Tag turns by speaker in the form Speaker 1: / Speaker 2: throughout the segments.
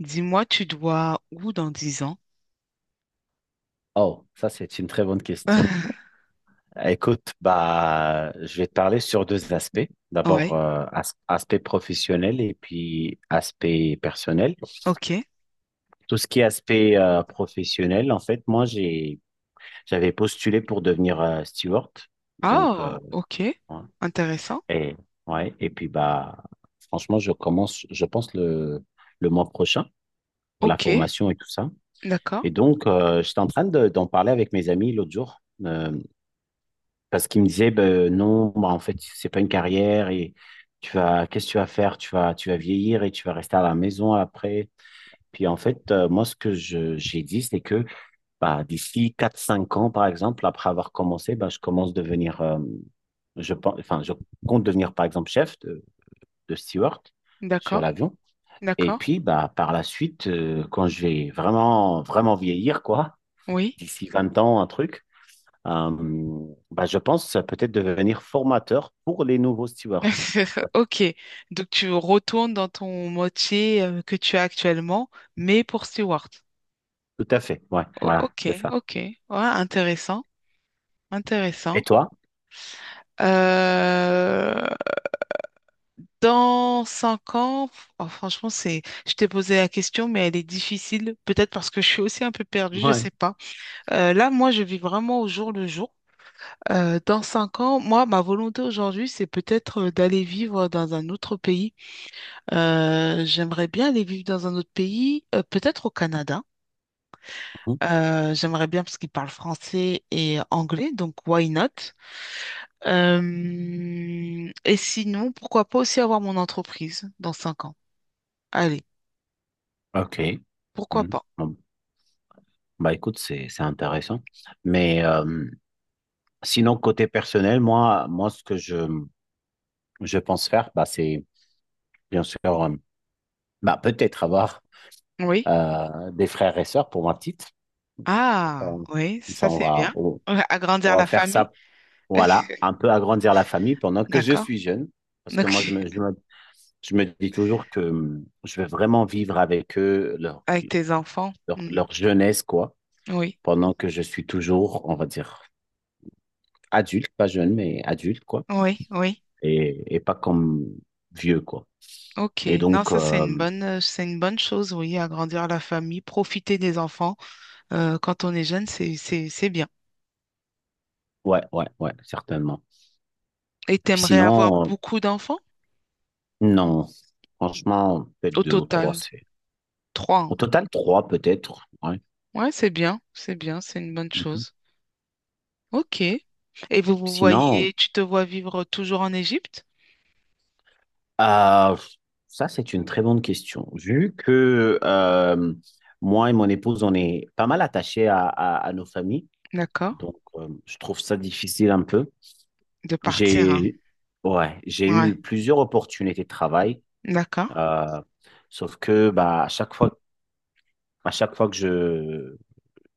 Speaker 1: Dis-moi, tu dois où dans 10 ans?
Speaker 2: Oh, ça c'est une très bonne question. Écoute, bah, je vais te parler sur deux aspects. D'abord,
Speaker 1: Ouais,
Speaker 2: aspect professionnel et puis aspect personnel.
Speaker 1: ok.
Speaker 2: Tout ce qui est aspect professionnel, en fait, moi j'avais postulé pour devenir steward. Donc,
Speaker 1: Oh, ok.
Speaker 2: ouais.
Speaker 1: Intéressant.
Speaker 2: Et ouais, et puis bah, franchement, je commence, je pense le mois prochain pour la
Speaker 1: Ok,
Speaker 2: formation et tout ça.
Speaker 1: d'accord.
Speaker 2: Et donc, j'étais en train d'en parler avec mes amis l'autre jour. Parce qu'il me disait, ben, non, bah, en fait, c'est pas une carrière et qu'est-ce que tu vas faire? Tu vas vieillir et tu vas rester à la maison après. Puis en fait, moi, ce que j'ai dit, c'est que bah, d'ici quatre cinq ans, par exemple, après avoir commencé, bah, je commence à devenir, je pense, enfin, je compte devenir, par exemple, chef de steward sur
Speaker 1: D'accord,
Speaker 2: l'avion. Et
Speaker 1: d'accord.
Speaker 2: puis, bah, par la suite, quand je vais vraiment, vraiment vieillir, quoi,
Speaker 1: Oui.
Speaker 2: d'ici 20 ans, un truc, euh, bah, je pense, peut-être devenir formateur pour les nouveaux stewards. Ouais.
Speaker 1: Ok. Donc tu retournes dans ton métier que tu as actuellement, mais pour Stewart.
Speaker 2: Tout à fait. Ouais,
Speaker 1: O-
Speaker 2: voilà, c'est
Speaker 1: ok,
Speaker 2: ça.
Speaker 1: ok. Ouais, intéressant.
Speaker 2: Et
Speaker 1: Intéressant.
Speaker 2: toi?
Speaker 1: Euh, dans 5 ans, oh, franchement, c'est, je t'ai posé la question, mais elle est difficile, peut-être parce que je suis aussi un peu perdue, je
Speaker 2: Ouais.
Speaker 1: sais pas. Là, moi, je vis vraiment au jour le jour. Dans cinq ans, moi, ma volonté aujourd'hui, c'est peut-être d'aller vivre dans un autre pays. J'aimerais bien aller vivre dans un autre pays, peut-être au Canada.
Speaker 2: Mhm.
Speaker 1: J'aimerais bien parce qu'ils parlent français et anglais, donc why not? Et sinon, pourquoi pas aussi avoir mon entreprise dans 5 ans? Allez,
Speaker 2: OK.
Speaker 1: pourquoi
Speaker 2: Mhm.
Speaker 1: pas?
Speaker 2: Bon, bah écoute, c'est intéressant. Mais, sinon, côté personnel, moi, ce que je pense faire, bah, c'est bien sûr, bah, peut-être avoir
Speaker 1: Oui.
Speaker 2: des frères et sœurs pour ma petite.
Speaker 1: Ah,
Speaker 2: On-
Speaker 1: oui,
Speaker 2: Comme
Speaker 1: ça
Speaker 2: ça,
Speaker 1: c'est bien. Ouais, agrandir
Speaker 2: on va
Speaker 1: la
Speaker 2: faire
Speaker 1: famille.
Speaker 2: ça, voilà, un peu agrandir la famille pendant que je
Speaker 1: D'accord.
Speaker 2: suis jeune. Parce que
Speaker 1: Donc,
Speaker 2: moi, je me dis toujours que je vais vraiment vivre avec eux leur,
Speaker 1: avec tes enfants. Hmm.
Speaker 2: jeunesse, quoi,
Speaker 1: Oui,
Speaker 2: pendant que je suis toujours, on va dire, adulte, pas jeune, mais adulte, quoi,
Speaker 1: oui, oui.
Speaker 2: et pas comme vieux, quoi.
Speaker 1: Ok.
Speaker 2: Et
Speaker 1: Non,
Speaker 2: donc,
Speaker 1: ça c'est une bonne chose, oui, agrandir la famille, profiter des enfants. Quand on est jeune, c'est bien.
Speaker 2: ouais, ouais, ouais, certainement.
Speaker 1: Et
Speaker 2: Puis
Speaker 1: t'aimerais avoir
Speaker 2: sinon,
Speaker 1: beaucoup d'enfants?
Speaker 2: non, franchement, peut-être
Speaker 1: Au
Speaker 2: deux ou trois.
Speaker 1: total, trois,
Speaker 2: Au
Speaker 1: hein.
Speaker 2: total, trois peut-être, ouais.
Speaker 1: Ouais, c'est bien, c'est bien, c'est une bonne
Speaker 2: Mhm.
Speaker 1: chose. Ok. Et
Speaker 2: Sinon,
Speaker 1: tu te vois vivre toujours en Égypte?
Speaker 2: Euh, ça, c'est une très bonne question. Vu que moi et mon épouse, on est pas mal attachés à nos familles,
Speaker 1: D'accord.
Speaker 2: donc, je trouve ça difficile un peu.
Speaker 1: De partir, hein.
Speaker 2: J'ai, ouais, j'ai
Speaker 1: Ouais.
Speaker 2: eu plusieurs opportunités de travail,
Speaker 1: D'accord.
Speaker 2: euh, sauf que bah, à chaque fois que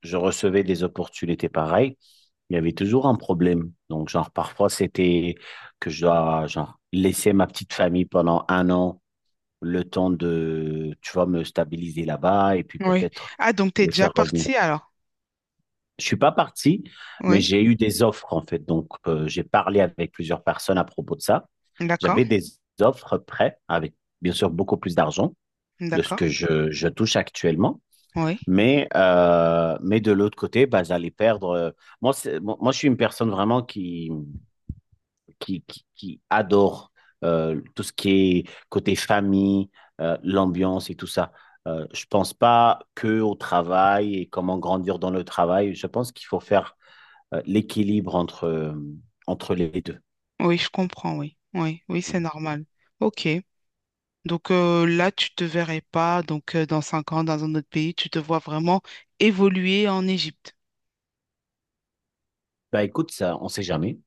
Speaker 2: je recevais des opportunités pareilles, il y avait toujours un problème. Donc, genre, parfois, c'était que je dois, genre, laisser ma petite famille pendant un an le temps de, tu vois, me stabiliser là-bas et puis
Speaker 1: Oui.
Speaker 2: peut-être
Speaker 1: Ah, donc t'es
Speaker 2: me
Speaker 1: déjà
Speaker 2: faire revenir.
Speaker 1: parti alors?
Speaker 2: Je suis pas parti, mais
Speaker 1: Oui.
Speaker 2: j'ai eu des offres en fait. Donc, j'ai parlé avec plusieurs personnes à propos de ça.
Speaker 1: D'accord.
Speaker 2: J'avais des offres prêtes avec, bien sûr, beaucoup plus d'argent de ce
Speaker 1: D'accord.
Speaker 2: que je touche actuellement.
Speaker 1: Oui.
Speaker 2: Mais de l'autre côté, bah, j'allais perdre. Moi, je suis une personne vraiment qui adore tout ce qui est côté famille, l'ambiance et tout ça. Je pense pas que au travail et comment grandir dans le travail. Je pense qu'il faut faire, l'équilibre entre les deux.
Speaker 1: Oui, je comprends, oui. Oui, oui, c'est
Speaker 2: Mhm.
Speaker 1: normal. Ok. Donc là, tu te verrais pas, donc dans 5 ans, dans un autre pays, tu te vois vraiment évoluer en Égypte.
Speaker 2: Bah écoute, ça, on sait jamais.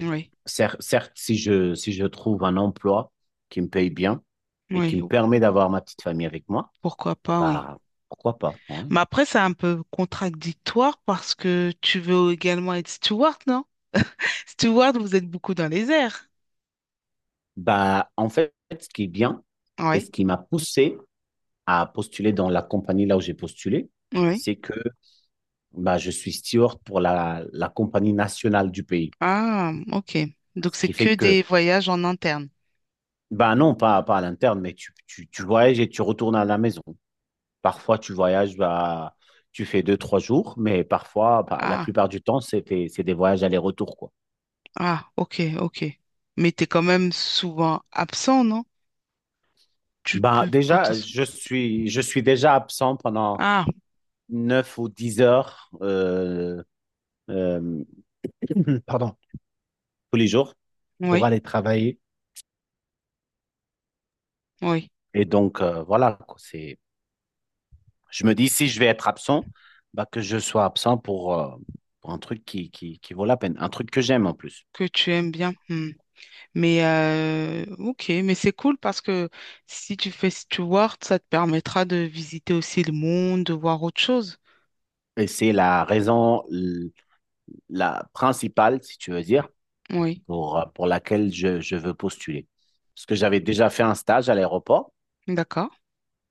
Speaker 1: Oui.
Speaker 2: Certes, si je trouve un emploi qui me paye bien et qui
Speaker 1: Oui.
Speaker 2: me permet d'avoir ma petite famille avec moi,
Speaker 1: Pourquoi pas, oui.
Speaker 2: bah, pourquoi pas. Ouais.
Speaker 1: Mais après, c'est un peu contradictoire parce que tu veux également être steward, steward, vous êtes beaucoup dans les airs.
Speaker 2: Bah en fait, ce qui est bien et
Speaker 1: Oui,
Speaker 2: ce qui m'a poussé à postuler dans la compagnie là où j'ai postulé,
Speaker 1: oui.
Speaker 2: c'est que bah, je suis steward pour la compagnie nationale du pays.
Speaker 1: Ah, ok. Donc,
Speaker 2: Ce
Speaker 1: c'est
Speaker 2: qui fait
Speaker 1: que
Speaker 2: que
Speaker 1: des voyages en interne.
Speaker 2: bah non, pas à l'interne, mais tu voyages et tu retournes à la maison. Parfois, tu voyages, bah, tu fais deux, trois jours, mais parfois, bah, la
Speaker 1: Ah,
Speaker 2: plupart du temps, c'est des voyages aller-retour, quoi.
Speaker 1: ah, ok, ok. Mais t'es quand même souvent absent, non? Tu
Speaker 2: Bah,
Speaker 1: peux
Speaker 2: déjà,
Speaker 1: potentiellement...
Speaker 2: je suis déjà absent pendant
Speaker 1: Ah,
Speaker 2: 9 ou 10 heures, euh, pardon, tous les jours pour
Speaker 1: oui,
Speaker 2: aller travailler.
Speaker 1: oui.
Speaker 2: Et donc, voilà, quoi. Je me dis, si je vais être absent, bah, que je sois absent pour un truc qui vaut la peine, un truc que j'aime en plus.
Speaker 1: Que tu aimes bien. Hmm. Mais, ok, mais c'est cool parce que si tu fais Steward, ça te permettra de visiter aussi le monde, de voir autre chose.
Speaker 2: Et c'est la raison, la principale, si tu veux dire,
Speaker 1: Oui,
Speaker 2: pour laquelle je veux postuler. Parce que j'avais déjà fait un stage à l'aéroport
Speaker 1: d'accord.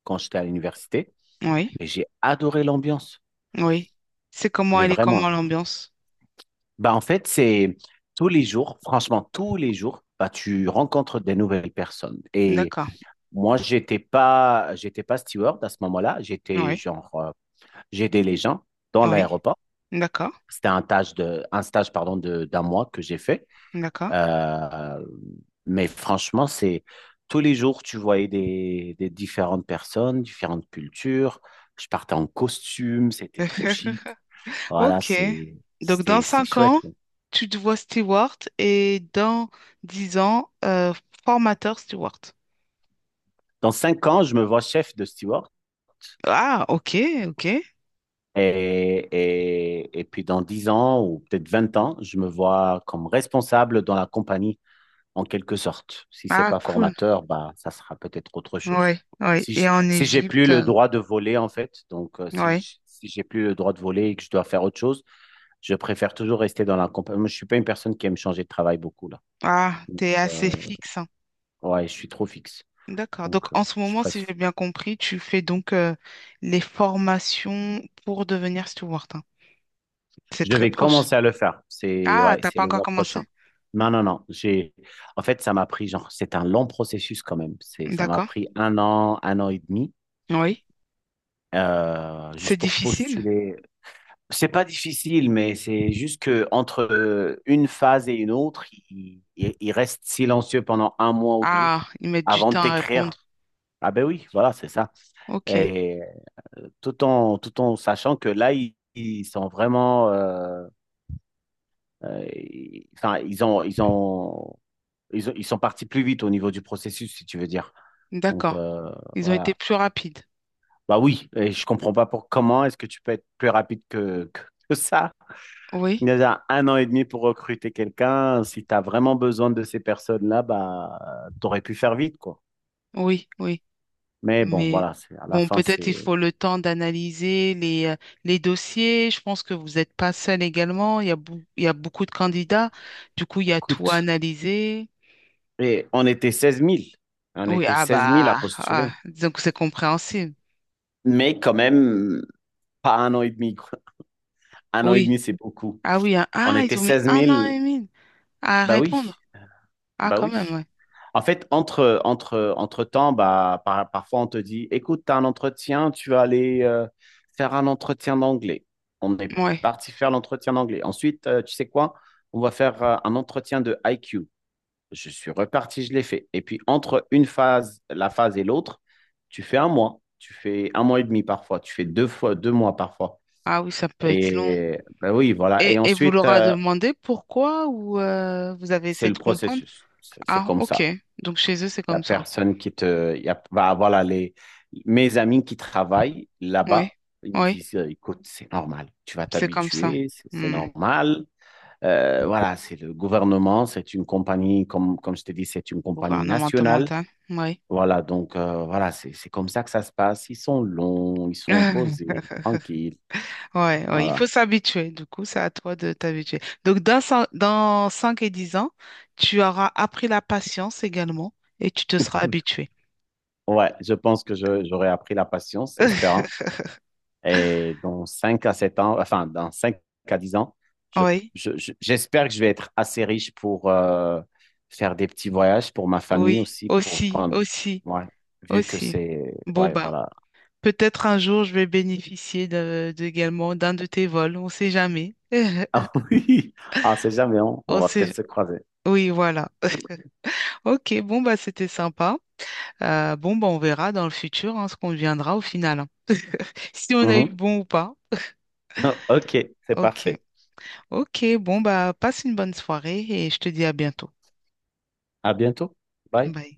Speaker 2: quand j'étais à l'université
Speaker 1: Oui,
Speaker 2: et j'ai adoré l'ambiance.
Speaker 1: oui. C'est comment
Speaker 2: J'ai
Speaker 1: elle est,
Speaker 2: vraiment.
Speaker 1: comment l'ambiance.
Speaker 2: Bah, en fait, c'est tous les jours, franchement, tous les jours, bah, tu rencontres des nouvelles personnes. Et
Speaker 1: D'accord.
Speaker 2: moi, j'étais pas steward à ce moment-là. J'étais,
Speaker 1: Oui.
Speaker 2: genre, j'aidais les gens dans
Speaker 1: Oui,
Speaker 2: l'aéroport.
Speaker 1: d'accord,
Speaker 2: C'était un stage de, un stage, pardon, d'un mois que j'ai fait.
Speaker 1: d'accord.
Speaker 2: Euh, mais franchement, c'est tous les jours, tu voyais des différentes personnes, différentes cultures. Je partais en costume, c'était trop chic. Voilà,
Speaker 1: Ok. Donc, dans
Speaker 2: c'est
Speaker 1: 5 ans,
Speaker 2: chouette.
Speaker 1: tu te vois steward et dans 10 ans, formateur steward.
Speaker 2: Dans 5 ans, je me vois chef de steward.
Speaker 1: Ah, ok, ok.
Speaker 2: Et puis dans 10 ans ou peut-être 20 ans, je me vois comme responsable dans la compagnie en quelque sorte. Si c'est
Speaker 1: Ah,
Speaker 2: pas
Speaker 1: cool.
Speaker 2: formateur, bah, ça sera peut-être autre chose.
Speaker 1: Ouais, ouais. Et en
Speaker 2: Si j'ai plus
Speaker 1: Égypte,
Speaker 2: le droit de voler en fait, donc,
Speaker 1: ouais.
Speaker 2: si j'ai plus le droit de voler et que je dois faire autre chose, je préfère toujours rester dans la compagnie. Moi, je suis pas une personne qui aime changer de travail beaucoup là.
Speaker 1: Ah,
Speaker 2: Donc,
Speaker 1: t'es assez fixe, hein.
Speaker 2: ouais, je suis trop fixe.
Speaker 1: D'accord. Donc,
Speaker 2: Donc,
Speaker 1: en ce
Speaker 2: je
Speaker 1: moment, si
Speaker 2: préfère.
Speaker 1: j'ai bien compris, tu fais donc les formations pour devenir steward, hein. C'est
Speaker 2: Je
Speaker 1: très
Speaker 2: vais
Speaker 1: proche.
Speaker 2: commencer à le faire. C'est
Speaker 1: Ah,
Speaker 2: ouais,
Speaker 1: t'as
Speaker 2: c'est
Speaker 1: pas
Speaker 2: le
Speaker 1: encore
Speaker 2: mois
Speaker 1: commencé?
Speaker 2: prochain. Non, non, non. En fait, ça m'a pris, genre, c'est un long processus quand même. Ça m'a
Speaker 1: D'accord.
Speaker 2: pris un an et demi,
Speaker 1: Oui. C'est
Speaker 2: juste pour
Speaker 1: difficile.
Speaker 2: postuler. C'est pas difficile, mais c'est juste que entre, une phase et une autre, il reste silencieux pendant un mois ou deux
Speaker 1: Ah, ils mettent du
Speaker 2: avant de
Speaker 1: temps à
Speaker 2: t'écrire.
Speaker 1: répondre.
Speaker 2: Ah ben oui, voilà, c'est ça.
Speaker 1: Ok,
Speaker 2: Et, tout en sachant que là, ils sont vraiment, enfin, ils sont partis plus vite au niveau du processus, si tu veux dire. Donc,
Speaker 1: d'accord. Ils ont été
Speaker 2: voilà.
Speaker 1: plus rapides.
Speaker 2: Bah oui, et je comprends pas pour comment est-ce que tu peux être plus rapide que ça. Il
Speaker 1: Oui,
Speaker 2: y a déjà un an et demi pour recruter quelqu'un. Si tu as vraiment besoin de ces personnes-là, bah, tu aurais pu faire vite, quoi.
Speaker 1: oui, oui.
Speaker 2: Mais bon,
Speaker 1: Mais
Speaker 2: voilà, c'est, à la
Speaker 1: bon,
Speaker 2: fin,
Speaker 1: peut-être il
Speaker 2: c'est,
Speaker 1: faut le temps d'analyser les dossiers. Je pense que vous n'êtes pas seul également. Il y a beaucoup de candidats. Du coup, il
Speaker 2: ça
Speaker 1: y a tout à
Speaker 2: coûte.
Speaker 1: analyser.
Speaker 2: Et on était 16 000. On
Speaker 1: Oui,
Speaker 2: était
Speaker 1: ah
Speaker 2: seize mille à
Speaker 1: bah, ah,
Speaker 2: postuler.
Speaker 1: disons que c'est compréhensible.
Speaker 2: Mais quand même, pas un an et demi, quoi. Un an et
Speaker 1: Oui.
Speaker 2: demi, c'est beaucoup.
Speaker 1: Ah oui, hein.
Speaker 2: On
Speaker 1: Ah,
Speaker 2: était
Speaker 1: ils ont mis
Speaker 2: seize
Speaker 1: un an et
Speaker 2: mille,
Speaker 1: demi à
Speaker 2: bah oui,
Speaker 1: répondre. Ah,
Speaker 2: bah
Speaker 1: quand
Speaker 2: oui.
Speaker 1: même, ouais.
Speaker 2: En fait, entre temps, bah, parfois on te dit, écoute, tu as un entretien, tu vas aller faire un entretien d'anglais. On est
Speaker 1: Ouais.
Speaker 2: parti faire l'entretien d'anglais. Ensuite, tu sais quoi? On va faire un entretien de IQ. Je suis reparti, je l'ai fait. Et puis, entre une phase, la phase et l'autre, tu fais un mois, tu fais un mois et demi parfois, tu fais deux fois, deux mois parfois.
Speaker 1: Ah oui, ça peut être long.
Speaker 2: Et bah oui, voilà. Et
Speaker 1: Et vous
Speaker 2: ensuite,
Speaker 1: leur a demandé pourquoi ou vous avez
Speaker 2: c'est
Speaker 1: essayé de
Speaker 2: le
Speaker 1: comprendre?
Speaker 2: processus. C'est
Speaker 1: Ah,
Speaker 2: comme ça.
Speaker 1: ok. Donc chez eux, c'est
Speaker 2: La
Speaker 1: comme ça.
Speaker 2: personne qui te va avoir là, mes amis qui travaillent
Speaker 1: Oui,
Speaker 2: là-bas, ils me
Speaker 1: oui,
Speaker 2: disent, écoute, c'est normal, tu vas
Speaker 1: c'est comme ça.
Speaker 2: t'habituer, c'est
Speaker 1: Hmm.
Speaker 2: normal. Voilà, c'est le gouvernement, c'est une compagnie, comme je te dis, c'est une compagnie nationale.
Speaker 1: Gouvernemental, oui.
Speaker 2: Voilà, donc, voilà, c'est comme ça que ça se passe. Ils sont longs, ils sont posés, tranquilles.
Speaker 1: Ouais, ouais, il
Speaker 2: Voilà.
Speaker 1: faut s'habituer. Du coup, c'est à toi de t'habituer. Donc, dans 5 et 10 ans, tu auras appris la patience également et tu te seras habitué.
Speaker 2: Ouais, je pense que j'aurais appris la patience, espérant. Et dans 5 à 7 ans, enfin, dans 5 à 10 ans, je-
Speaker 1: Oui,
Speaker 2: j'espère que je vais être assez riche pour, faire des petits voyages pour ma famille
Speaker 1: oui,
Speaker 2: aussi, pour
Speaker 1: aussi,
Speaker 2: prendre,
Speaker 1: aussi,
Speaker 2: ouais, vu que
Speaker 1: aussi.
Speaker 2: c'est,
Speaker 1: Bon,
Speaker 2: ouais,
Speaker 1: ben.
Speaker 2: voilà.
Speaker 1: Peut-être un jour, je vais bénéficier également d'un de tes vols. On sait jamais.
Speaker 2: Ah oui, ah, c'est jamais, on
Speaker 1: On
Speaker 2: va
Speaker 1: sait...
Speaker 2: peut-être se croiser.
Speaker 1: Oui, voilà. Ok, bon, bah, c'était sympa. Bon, bah, on verra dans le futur hein, ce qu'on deviendra au final, hein. Si on a eu
Speaker 2: Mhm.
Speaker 1: bon ou pas.
Speaker 2: Ok, c'est
Speaker 1: Ok.
Speaker 2: parfait.
Speaker 1: Ok, bon, bah, passe une bonne soirée et je te dis à bientôt.
Speaker 2: À bientôt. Bye.
Speaker 1: Bye.